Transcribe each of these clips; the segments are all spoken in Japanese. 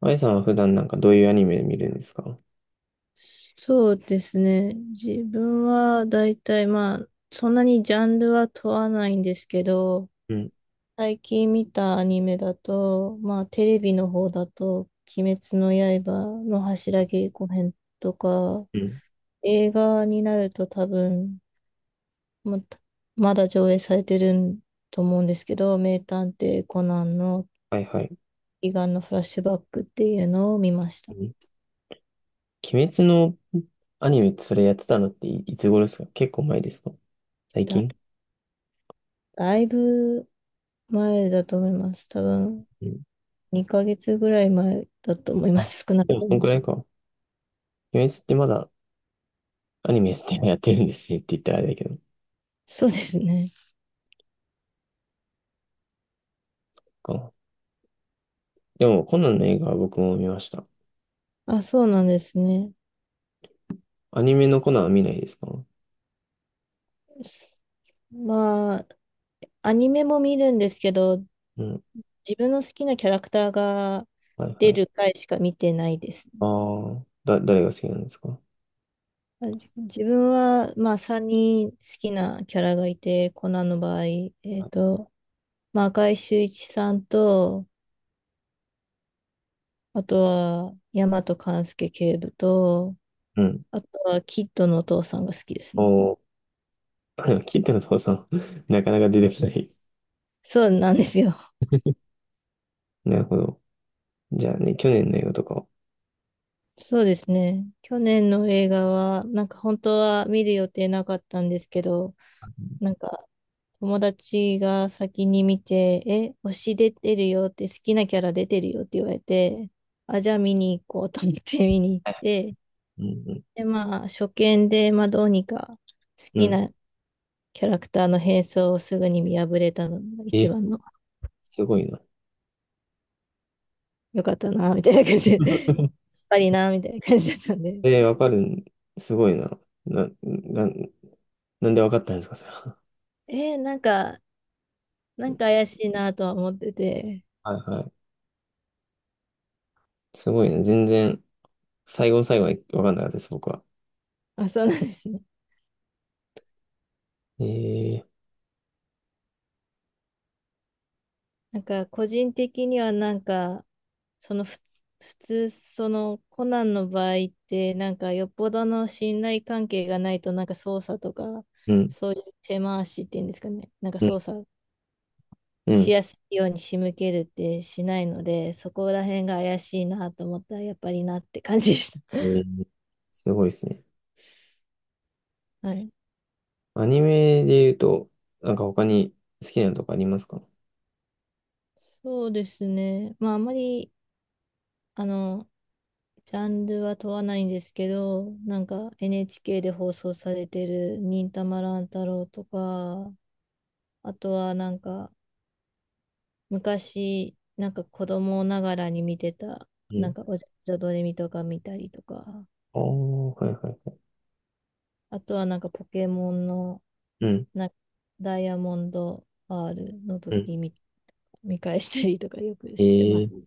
あいさんは普段どういうアニメ見るんですか？そうですね。自分は大体まあ、そんなにジャンルは問わないんですけど、うん。最近見たアニメだと、まあテレビの方だと、鬼滅の刃の柱稽古編とか、うん。映画になると多分、また、まだ上映されてると思うんですけど、名探偵コナンのはいはい。悲願のフラッシュバックっていうのを見ましうた。ん。鬼滅のアニメってそれやってたのっていつ頃ですか？結構前ですか？最だ、近？だいぶ前だと思います。多分うん。2ヶ月ぐらい前だと思いまあ、す、少なでくもとこんくも。らいか。鬼滅ってまだアニメってやってるんですねって言ったらあれだけど。そうですね。かでもコナンの映画は僕も見ました。あ、そうなんですね。アニメのコナンは見ないですか？まあ、アニメも見るんですけど、うん。自分の好きなキャラクターがはいは出い。る回しか見てないですね。ああ、誰が好きなんですか？自分は、まあ、さんに人好きなキャラがいて、コナンの場合、はっい。と、まあ、赤井秀一さんと、あとは、大和勘介警部と、うん。あとは、キッドのお父さんが好きですね。おお、でも聞いても父さん、なかなか出てこない。そうなんですよ。なるほど。じゃあね、去年の映画とか。そうですね。去年の映画は、なんか本当は見る予定なかったんですけど、なんか友達が先に見て、え、推し出てるよって、好きなキャラ出てるよって言われて、あ、じゃあ見に行こうと思って見に行っはい。て、うん。で、まあ初見で、まあどうにか好うん。きうん。なキャラクターの変装をすぐに見破れたのが一え、番のすごいな。良かったな、みたいな感じで、やっ ぱりな、みたいな感じだったんで、えー、わかるん、すごいな。な、な、なんでわかったんですか、それは。なんか、なんか怪しいなとは思ってて、はいはい。すごいな。最後の最後はわかんなかったです、僕は。あ、そうなんですね。えー。なんか個人的にはなんかそのふ普通そのコナンの場合ってなんかよっぽどの信頼関係がないとなんか捜査とか、うん。そういう手回しっていうんですかね、なんかうん。捜査うしん。やすいように仕向けるってしないので、そこら辺が怪しいなと思ったらやっぱりなって感じでした。えー、すごいですね。はい。アニメで言うと、なんか他に好きなのとかありますか？そうですね。まああまりあのジャンルは問わないんですけど、なんか NHK で放送されてる忍たま乱太郎とか、あとはなんか昔、なんか子供ながらに見てた、うなん。んかおじゃどれみとか見たりとか、ああ、はいはい。あとはなんかポケモンのうん。なんかダイヤモンド R のうん。時見返したりとかよくえしてます。ー、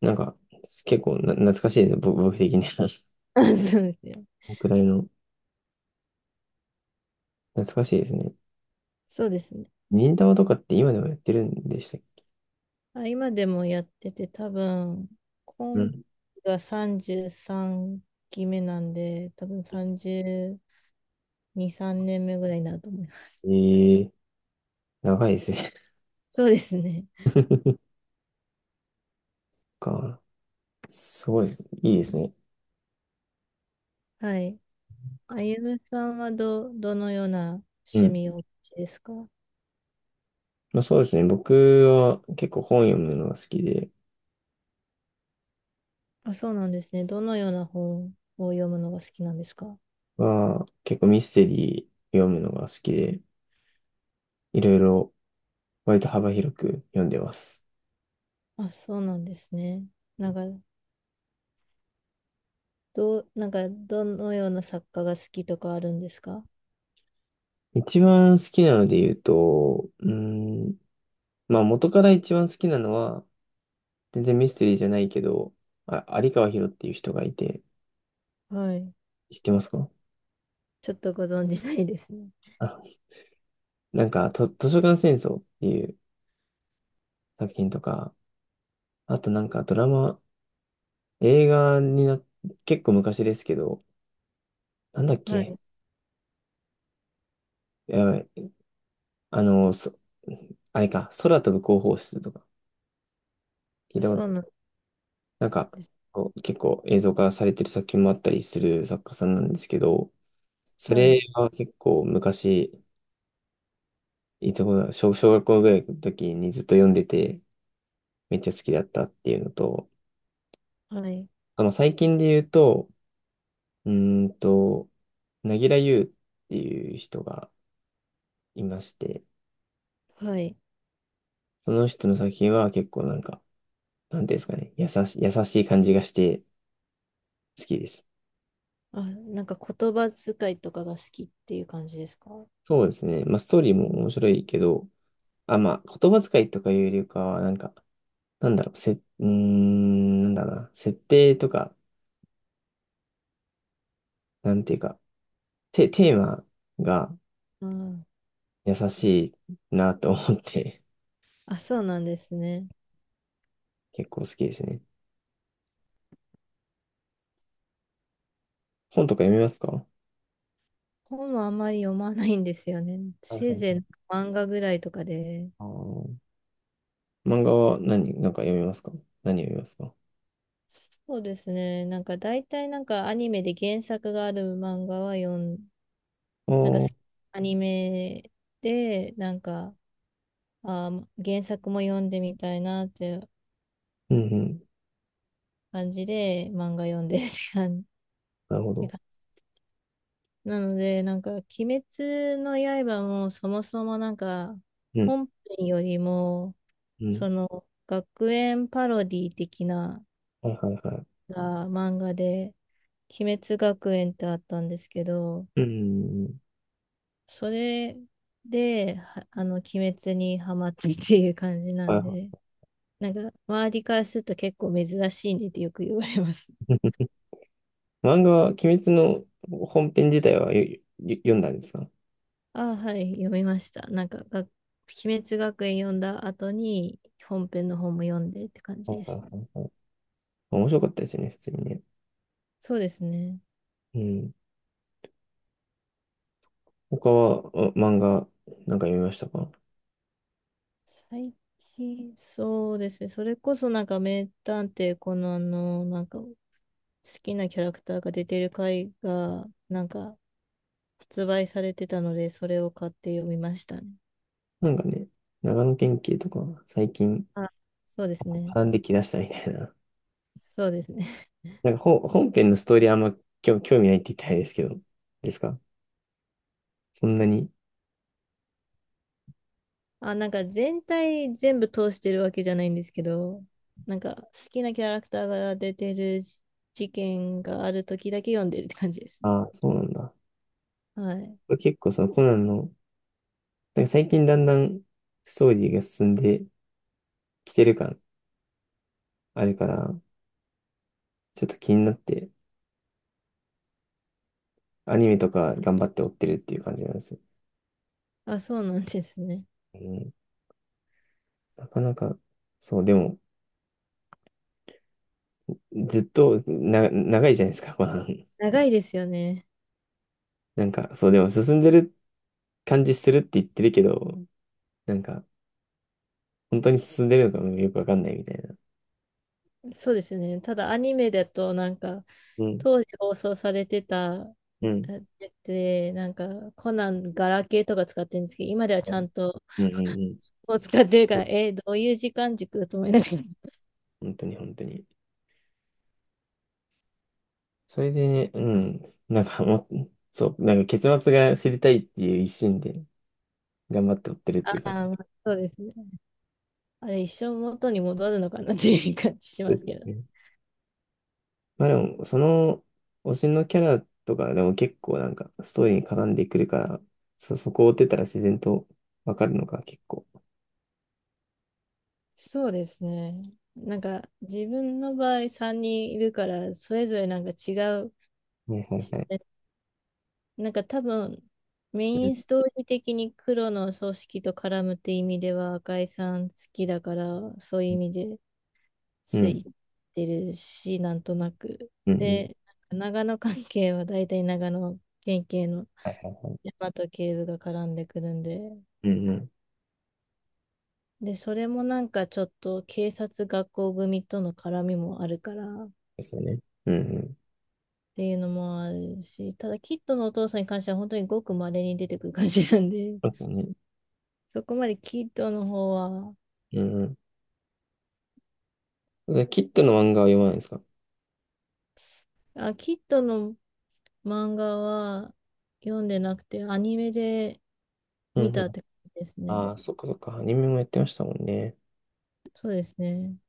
なんか、結構な、懐かしいですね、僕的に。そうですね。僕らの、懐かしいですね。そうですね。忍たまとかって今でもやってるんでしたっけ？あ、今でもやってて、多分、う今期ん。が33期目なんで、多分32、3年目ぐらいになると思います。ええ、長いですね。そうですね。か。すごいです。いいですね。はい。あゆむさんはどのようなう趣ん。味をお持ちですか？まあ、そうですね。僕は結構本読むのが好きで。あ、そうなんですね。どのような本を読むのが好きなんですか？まあ、結構ミステリー読むのが好きで、いろいろ割と幅広く読んでます。あ、そうなんですね。なんか、どのような作家が好きとかあるんですか？一番好きなので言うと、まあ元から一番好きなのは、全然ミステリーじゃないけど、あ、有川博っていう人がいて、はい。知ってますか？ちょっとご存じないですね。あ、図書館戦争っていう作品とか、あとなんかドラマ、映画にな、結構昔ですけど、なんだっはけ、い。やばい。あの、そ、あれか、空飛ぶ広報室とか、聞いあ、たことそうななんい、なんか、です。こう結構映像化されてる作品もあったりする作家さんなんですけど、そはれい、は結構昔、いつ頃だ、小、小学校ぐらいの時にずっと読んでて、めっちゃ好きだったっていうのと、はい、あの、最近で言うと、うーんと、なぎらゆうっていう人がいまして、はい。その人の作品は結構なんか、なんていうんですかね、優しい感じがして好きです。あ、なんか言葉遣いとかが好きっていう感じですか？そうですね。まあ、ストーリーも面白いけど、あ、まあ、言葉遣いとかいうよりかは、なんか、なんだろう、せ、うーん、なんだろうな、設定とか、なんていうか、テーマがうん。優しいなと思って。あ、そうなんですね。結構好きですね。本とか読みますか？本はあんまり読まないんですよね。はいせはいい。ぜい漫画ぐらいとかで。あー、漫画はなんか読みますか？何読みますか？あ、そうですね。なんか大体なんかアニメで原作がある漫画は読ん、あなんかー。すアニメでなんか、あー、原作も読んでみたいなってうんうん。感じで漫画読んでるって感じなるほど。なので、なんか、鬼滅の刃もそもそもなんか、うん。本編よりも、うん。その、学園パロディ的なはいはいは漫画で、鬼滅学園ってあったんですけど、い。うん。それで、はあの、鬼滅にハマってっていう感じなはいんはで、なんか、周りからすると結構珍しいねってよく言われます。い。漫画は、鬼滅の本編自体はよ読んだんですか？ああ、はい、読みました。なんか、鬼滅学園読んだ後に、本編の方も読んでって感じはいではしいた。はいはい。面白かったですよね、普通にね。そうですね。うん。他は、あ漫画、なんか読みましたか？最近、そうですね。それこそなんか名探偵コナンのなんか好きなキャラクターが出てる回がなんか発売されてたので、それを買って読みましたね。なんかね、長野県警とか、最近、あ、そうですね。学んできだしたみたいな。そうですね。なんか本編のストーリーあんま興味ないって言ったらあれですけど、ですか、そんなに。あ、なんか全体全部通してるわけじゃないんですけど、なんか好きなキャラクターが出てる事件がある時だけ読んでるって感じですね。ああ、そうなんだ。はい。結構そのコナンの、なんか最近だんだんストーリーが進んできてる感あるから、ちょっと気になって、アニメとか頑張って追ってるっていう感じなんですよ。あ、そうなんですね。うん、なかなか、そう、でも、ずっとな、長いじゃないですか、コナン。長いですよね。なんか、そう、でも進んでる感じするって言ってるけど、なんか、本当に進んでるのかもよくわかんないみたいな。そうですよね。ただアニメだとなんかうん。当時放送されてたうん。やつでなんかコナンガラケーとか使ってるんですけど、今ではうちゃん。んとうん。うん。もう使ってるから、どういう時間軸だと思いながら。本当に本当に。それでね、うん、なんかもう、そう、なんか結末が知りたいっていう一心で頑張って追ってるっあていう感ーじまあそうですね、あれ一生元に戻るのかなっていう感じしまですすけど。ね。まあでも、その推しのキャラとかでも結構なんかストーリーに絡んでくるから、そこを追ってたら自然とわかるのが結構。そうですね、なんか自分の場合3人いるからそれぞれなんか違うはいはい視はい。なんか多分、メうイん。ンストーリー的に黒の組織と絡むって意味では赤井さん好きだから、そういう意味でうつん。いてるし、なんとなく。うん。うん。で、長野関係は大体長野県警のはいはい。大和警部が絡んでくるんで、うんうん。で、それもなんかちょっと警察学校組との絡みもあるからっですよね。うんうん。ていうのもあるし、ただキッドのお父さんに関しては本当にごく稀に出てくる感じなんで、そうですよね。そこまでキッドの方は、うんうん。それキッドの漫画は読まないですか？あ、キッドの漫画は読んでなくて、アニメでう見んうたっん。て感じですね。ああ、そっかそっか。アニメもやってましたもんね。そうですね。